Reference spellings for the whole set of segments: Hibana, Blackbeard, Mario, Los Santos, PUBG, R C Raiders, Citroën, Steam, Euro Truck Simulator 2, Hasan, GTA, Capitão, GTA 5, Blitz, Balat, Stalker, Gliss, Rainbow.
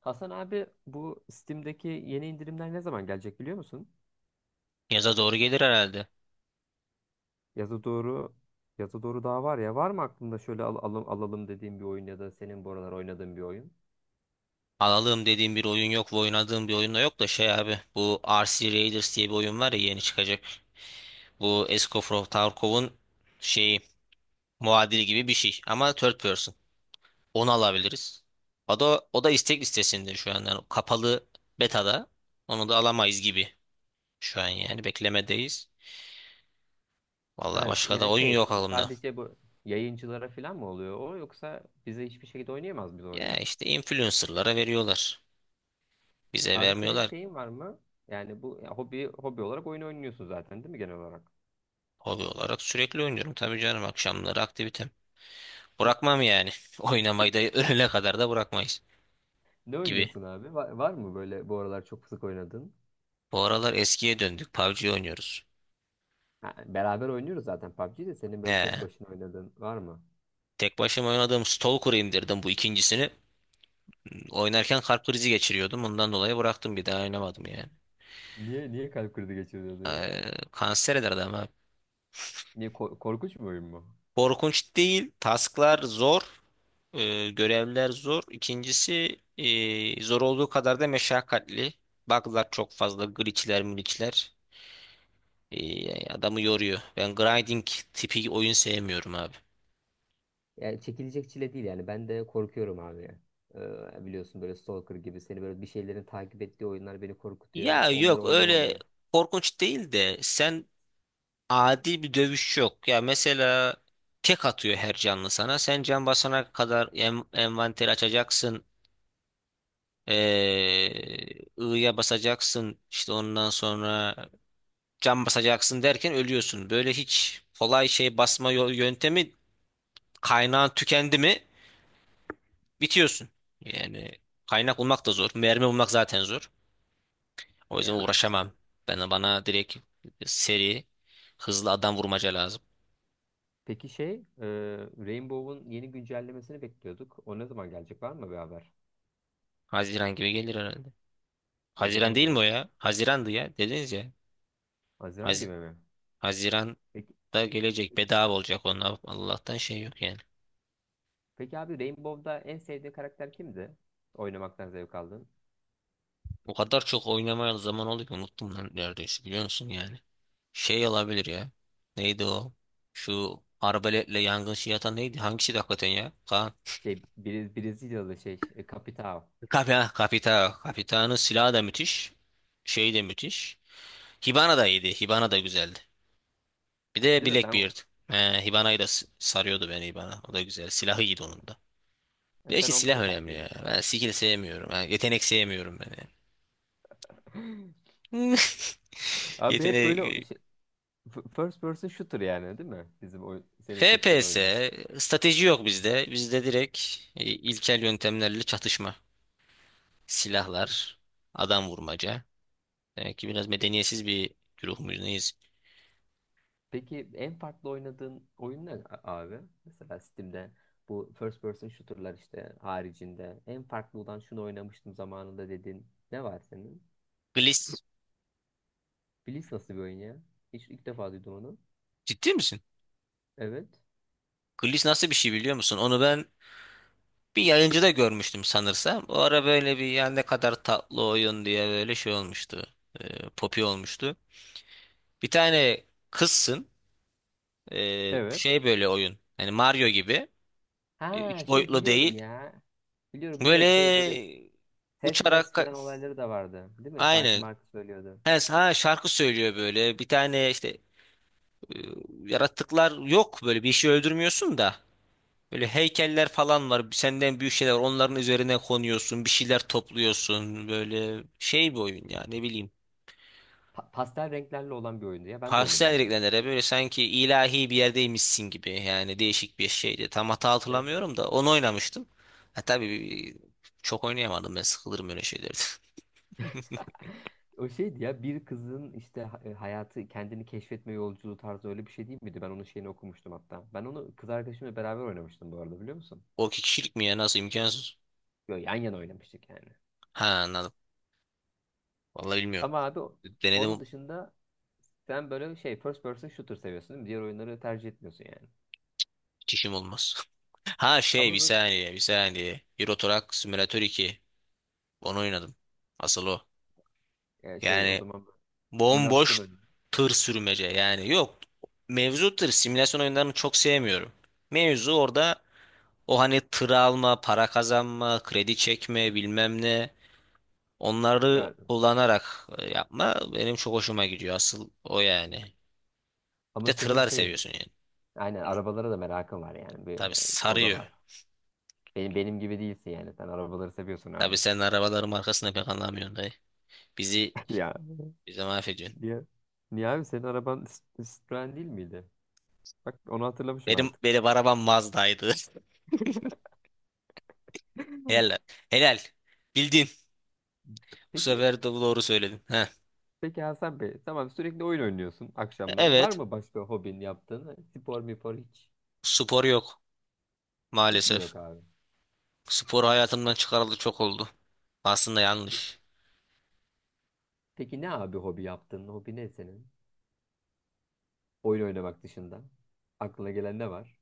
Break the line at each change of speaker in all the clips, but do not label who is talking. Hasan abi, bu Steam'deki yeni indirimler ne zaman gelecek biliyor musun?
Yaza doğru gelir herhalde.
Yaza doğru yaza doğru daha var ya. Var mı aklında şöyle alalım dediğin bir oyun ya da senin bu aralar oynadığın bir oyun?
Alalım dediğim bir oyun yok ve oynadığım bir oyun da yok da şey abi. Bu R C Raiders diye bir oyun var ya yeni çıkacak. Bu Escoffrow Tarkov'un şeyi muadili gibi bir şey ama third person. Onu alabiliriz. O da istek listesinde şu an. Yani kapalı betada. Onu da alamayız gibi şu an yani beklemedeyiz. Vallahi
Evet,
başka da
yani
oyun yok aklımda.
sadece bu yayıncılara falan mı oluyor o, yoksa bize hiçbir şekilde oynayamaz biz o
Ya
oyunu?
işte influencerlara veriyorlar. Bize
Abi, senin
vermiyorlar.
şeyin var mı? Yani bu ya, hobi olarak oyun oynuyorsun zaten değil mi genel olarak?
Hobi olarak sürekli oynuyorum tabii canım akşamları aktivite.
Ne,
Bırakmam yani. Oynamayı da ölene kadar da bırakmayız
ne
gibi.
oynuyorsun abi? Var mı böyle bu aralar çok sık oynadığın?
Bu aralar eskiye döndük. PUBG oynuyoruz.
Ha, beraber oynuyoruz zaten PUBG'yi de, senin böyle tek
He.
başına oynadığın var mı?
Tek başıma oynadığım Stalker'ı indirdim bu ikincisini. Oynarken kalp krizi geçiriyordum. Ondan dolayı bıraktım bir daha oynamadım yani.
Niye kalp krizi geçiriyordun ya?
Kanser eder adam abi.
Niye korkunç bir oyun mu?
Korkunç değil. Tasklar zor. Görevler zor. İkincisi zor olduğu kadar da meşakkatli. Bug'lar çok fazla. Glitch'ler, mülitch'ler. Adamı yoruyor. Ben grinding tipi oyun sevmiyorum abi.
Yani çekilecek çile değil yani. Ben de korkuyorum abi ya. Biliyorsun, böyle Stalker gibi seni böyle bir şeylerin takip ettiği oyunlar beni korkutuyor.
Ya
Onları
yok öyle
oynamamayı.
korkunç değil de sen adi bir dövüş yok. Ya mesela tek atıyor her canlı sana. Sen can basana kadar envanteri açacaksın. Ee, I'ya basacaksın. İşte ondan sonra can basacaksın derken ölüyorsun. Böyle hiç kolay şey basma yöntemi kaynağın tükendi mi bitiyorsun. Yani kaynak bulmak da zor. Mermi bulmak zaten zor. O yüzden
Ya işte.
uğraşamam. Bana direkt seri, hızlı adam vurmaca lazım.
Peki e, Rainbow'un yeni güncellemesini bekliyorduk. O ne zaman gelecek? Var mı bir haber?
Haziran gibi gelir herhalde. Haziran
Haziran
değil
gibi
mi o
mi?
ya? Hazirandı ya. Dediniz ya.
Haziran
Haz
gibi mi?
Haziran'da
Peki,
gelecek.
peki,
Bedava olacak onlar. Allah'tan şey yok yani.
peki abi, Rainbow'da en sevdiğin karakter kimdi? Oynamaktan zevk aldın.
O kadar çok oynamaya zaman oldu ki unuttum lan neredeyse biliyor musun yani. Şey olabilir ya. Neydi o? Şu arbaletle yangın şey atan neydi? Hangisi de hakikaten ya? Kaan.
Brezilyalı Capitão.
Kapita, kapita. Kapitanın silahı da müthiş. Şey de müthiş. Hibana da iyiydi. Hibana da güzeldi. Bir de
Değil mi? Sen,
Blackbeard. Hibana'yı da sarıyordu beni Hibana. O da güzel. Silahı iyiydi onun da.
ya sen
Belki silah
onları
önemli
tercih
ya.
ediyorsun.
Ben skill sevmiyorum. Ha, yetenek sevmiyorum ben yani.
Abi, hep böyle
Yetenek...
first person shooter yani, değil mi? Bizim oyun, senin seçtiğin
FPS,
oyunlar.
strateji yok bizde. Bizde direkt ilkel yöntemlerle çatışma.
Pe-
Silahlar, adam vurmaca. Demek ki biraz medeniyetsiz bir güruh muyuz neyiz?
Peki en farklı oynadığın oyun ne abi? Mesela Steam'de bu first person shooter'lar işte haricinde en farklı olan, şunu oynamıştım zamanında dediğin ne var senin?
Gliss,
Blitz nasıl bir oyun ya? Hiç, ilk defa duydum onu.
ciddi misin?
Evet.
Gliss nasıl bir şey biliyor musun? Onu ben bir yayıncıda görmüştüm sanırsam. O ara böyle bir yani ne kadar tatlı oyun diye böyle şey olmuştu. Popi olmuştu. Bir tane kızsın.
Evet.
Şey böyle oyun. Hani Mario gibi.
Ha,
Üç
şey
boyutlu
biliyorum
değil.
ya. Biliyorum, biliyorum, şey böyle
Böyle
ses
uçarak
mes filan olayları da vardı, değil mi? Şarkı
aynı.
markı söylüyordu.
Ha, ha, şarkı söylüyor böyle. Bir tane işte e, yaratıklar yok böyle bir şey öldürmüyorsun da. Böyle heykeller falan var. Senden büyük şeyler. Onların üzerine konuyorsun. Bir şeyler topluyorsun. Böyle şey bir oyun ya ne bileyim.
Pastel renklerle olan bir oyundu ya. Ben de oynadım
Hastaydı
onu.
reklamları böyle sanki ilahi bir yerdeymişsin gibi yani değişik bir şeydi. Tam hata
Evet.
hatırlamıyorum da onu oynamıştım. Ha, tabii bir- Çok oynayamadım ben sıkılırım öyle şeylerde.
O şeydi ya, bir kızın işte hayatı kendini keşfetme yolculuğu tarzı, öyle bir şey değil miydi? Ben onun şeyini okumuştum hatta. Ben onu kız arkadaşımla beraber oynamıştım bu arada, biliyor musun?
O iki kişilik mi ya nasıl imkansız?
Böyle yan yana oynamıştık yani.
Ha anladım. Vallahi bilmiyorum.
Ama abi onun
Denedim
dışında sen böyle şey first person shooter seviyorsun, değil mi? Diğer oyunları tercih etmiyorsun yani.
çişim olmaz. Ha şey bir
Ama böyle
saniye bir saniye. Euro Truck Simulator 2. Onu oynadım. Asıl o.
şey o
Yani
zaman simülasyon
bomboş
oyunu.
tır sürmece yani yok. Mevzu tır simülasyon oyunlarını çok sevmiyorum. Mevzu orada. O hani tır alma, para kazanma, kredi çekme, bilmem ne. Onları
Evet.
kullanarak yapma benim çok hoşuma gidiyor. Asıl o yani. Bir de
Ama senin
tırlar
şey,
seviyorsun yani.
aynen arabalara da merakın var yani. Bir,
Tabii
o da
sarıyor.
var. Benim, benim gibi değilsin yani. Sen arabaları seviyorsun abi.
Tabii sen arabaların markasını pek anlamıyorsun dayı. Bizi
Ya
bize mahvediyorsun.
niye? Niye abi, senin araban Citroen değil miydi? Bak, onu hatırlamışım
Benim
artık.
benim arabam Mazda'ydı. Helal. Helal. Bildin. Bu
Peki,
sefer de doğru söyledin. Heh.
peki Hasan Bey, tamam, sürekli oyun oynuyorsun akşamları. Var
Evet.
mı başka hobin yaptığın? Spor mipor hiç?
Spor yok
Hiç mi
maalesef.
yok abi?
Spor hayatımdan çıkarıldı çok oldu. Aslında yanlış.
Peki ne abi hobi yaptığın? Hobi ne senin? Oyun oynamak dışında. Aklına gelen ne var?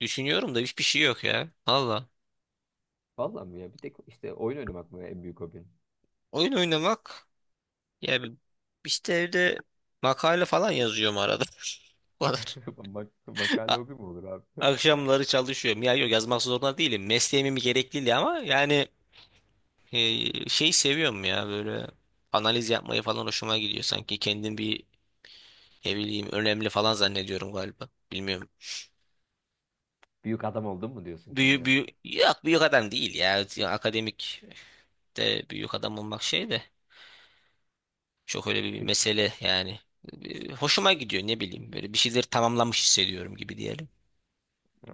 Düşünüyorum da hiçbir şey yok ya. Valla.
Vallahi mi ya? Bir tek işte oyun oynamak mı en büyük hobin?
Oyun oynamak. Ya bi- işte evde makale falan yazıyorum arada. Bu kadar.
Mak, makale
A-
hobi mi olur abi?
Akşamları çalışıyorum. Ya yok yazmak zorunda değilim. Mesleğimin bir gerekliliği ama yani şey seviyorum ya böyle analiz yapmayı falan hoşuma gidiyor. Sanki kendim bir ne bileyim önemli falan zannediyorum galiba. Bilmiyorum.
Büyük adam oldun mu diyorsun
Büyü
kendine?
büyü yok büyük adam değil ya. Akademik de büyük adam olmak şey de. Çok öyle bir
Peki,
mesele yani. Hoşuma gidiyor ne bileyim böyle bir şeyleri tamamlamış hissediyorum gibi diyelim.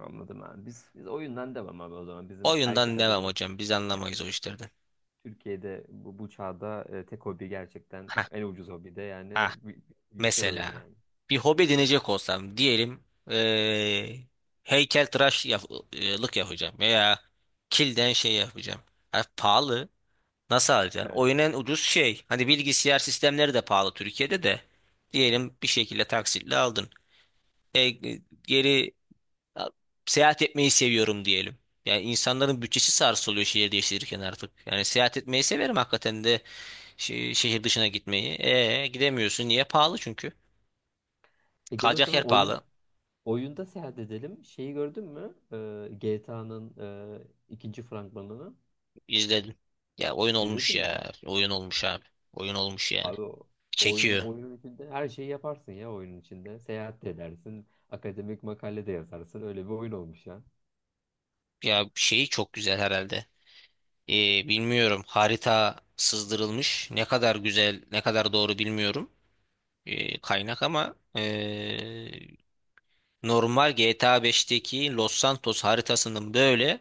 anladım abi. Biz oyundan devam abi, o zaman. Bizim erkek
Oyundan devam
adımı
hocam biz
yani
anlamayız o işlerden.
Türkiye'de bu çağda tek hobi, gerçekten
Ha
en ucuz hobi de yani
ha
bilgisayar oyunu
Mesela
yani.
bir hobi edinecek olsam diyelim eee heykeltıraş lık yapacağım veya kilden şey yapacağım. Ha, pahalı nasıl alacaksın?
Evet.
Oyun en ucuz şey. Hani bilgisayar sistemleri de pahalı Türkiye'de de. Diyelim bir şekilde taksitle aldın. E, geri Ya, Seyahat etmeyi seviyorum diyelim. Yani insanların bütçesi sarsılıyor şehir değiştirirken artık. Yani seyahat etmeyi severim hakikaten de şehir dışına gitmeyi. E gidemiyorsun. Niye? Pahalı çünkü.
E, gel o
Kalacak yer
zaman
pahalı.
oyunda seyahat edelim. Şeyi gördün mü? GTA'nın ikinci fragmanını
İzledim. Ya oyun olmuş
izledin mi?
ya. Oyun olmuş abi. Oyun olmuş yani.
Abi o oyunun
Çekiyor.
oyunun içinde her şeyi yaparsın ya, oyunun içinde. Seyahat de edersin, akademik makale de yazarsın. Öyle bir oyun olmuş ya.
Ya şeyi çok güzel herhalde. Bilmiyorum. Harita sızdırılmış. Ne kadar güzel, ne kadar doğru bilmiyorum. Kaynak ama Normal GTA 5'teki Los Santos haritasının böyle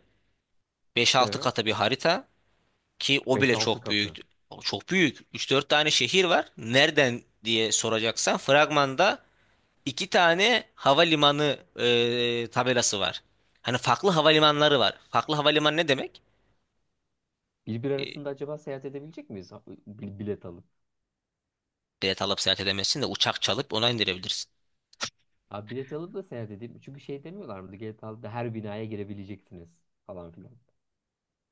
5-6
Evet.
katı bir harita ki o bile
5-6
çok büyük.
katı.
O çok büyük. 3-4 tane şehir var. Nereden diye soracaksan fragmanda 2 tane havalimanı tabelası var. Hani farklı havalimanları var. Farklı havalimanı ne demek?
Birbir
E,
arasında acaba seyahat edebilecek miyiz? Bilet alıp.
Bilet alıp seyahat edemezsin de uçak çalıp ona indirebilirsin.
Abi, bilet alıp da seyahat edeyim. Çünkü şey demiyorlar mı, GTA'da her binaya girebileceksiniz falan filan?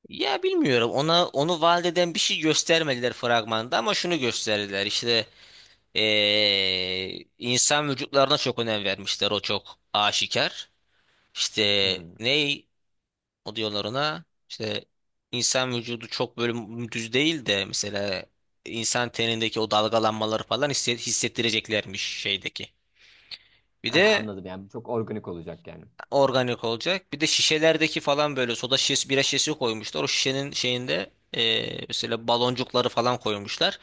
Ya bilmiyorum. Ona onu vaat eden bir şey göstermediler fragmanda ama şunu gösterdiler. İşte insan vücutlarına çok önem vermişler. O çok aşikar. İşte
Hmm.
ney o diyorlar ona işte insan vücudu çok böyle düz değil de mesela insan tenindeki o dalgalanmaları falan hissettireceklermiş şeydeki. Bir
Ha,
de
anladım, yani çok organik olacak yani.
organik olacak. Bir de şişelerdeki falan böyle soda şişesi, bira şişesi koymuşlar. O şişenin şeyinde mesela baloncukları falan koymuşlar.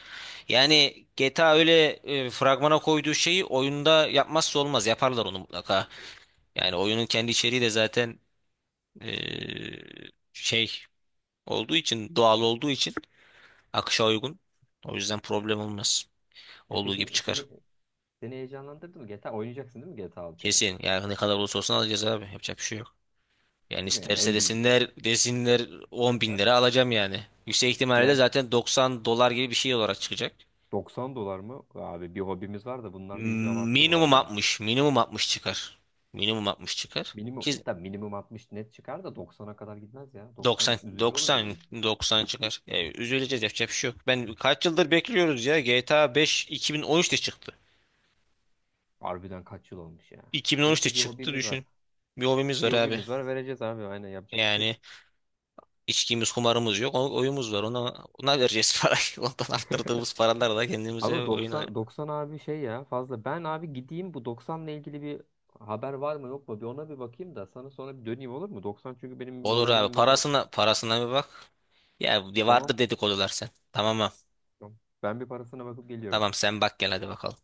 Yani GTA öyle fragmana koyduğu şeyi oyunda yapmazsa olmaz. Yaparlar onu mutlaka. Yani oyunun kendi içeriği de zaten eee, şey olduğu için, doğal olduğu için akışa uygun. O yüzden problem olmaz.
E
Olduğu gibi
peki
çıkar.
seni heyecanlandırdı mı? GTA oynayacaksın değil mi GTA 6'yı?
Kesin. Yani ne kadar olursa olsun alacağız abi. Yapacak bir şey yok. Yani
Değil mi yani,
isterse
en büyük?
desinler desinler 10 bin lira alacağım yani. Yüksek ihtimalle de
Yani
zaten 90 dolar gibi bir şey olarak çıkacak.
90 dolar mı? Abi, bir hobimiz var da bunlar da iyice abarttı bu
Minimum
arada ya.
60, minimum 60 çıkar. Minimum 60 çıkar.
Minimum,
Ki
ya tabii minimum 60 net çıkar da 90'a kadar gitmez ya. 90
90
üzücü olur bizim
90
için.
90 çıkar. Yani üzüleceğiz yapacak bir şey yok. Ben kaç yıldır bekliyoruz ya. GTA 5 2013'te çıktı.
Harbiden kaç yıl olmuş ya.
2013'te
Neyse, bir
çıktı
hobimiz var.
düşün. Bir hobimiz var
Bir
abi.
hobimiz var, vereceğiz abi, aynen, yapacak bir şey yok.
Yani içkimiz, kumarımız yok. Oyumuz var. Ona vereceğiz parayı. Ondan arttırdığımız paralarla kendimize
Ama
oyun.
90 90 abi şey ya, fazla. Ben abi gideyim, bu 90'la ilgili bir haber var mı yok mu, bir ona bir bakayım da sana sonra bir döneyim, olur mu? 90 çünkü benim
Olur abi.
moralimi bozar.
Parasına bir bak. Ya
Tamam.
vardır dedikodular sen. Tamam mı?
Tamam. Ben bir parasına bakıp geliyorum.
Tamam sen bak gel hadi bakalım.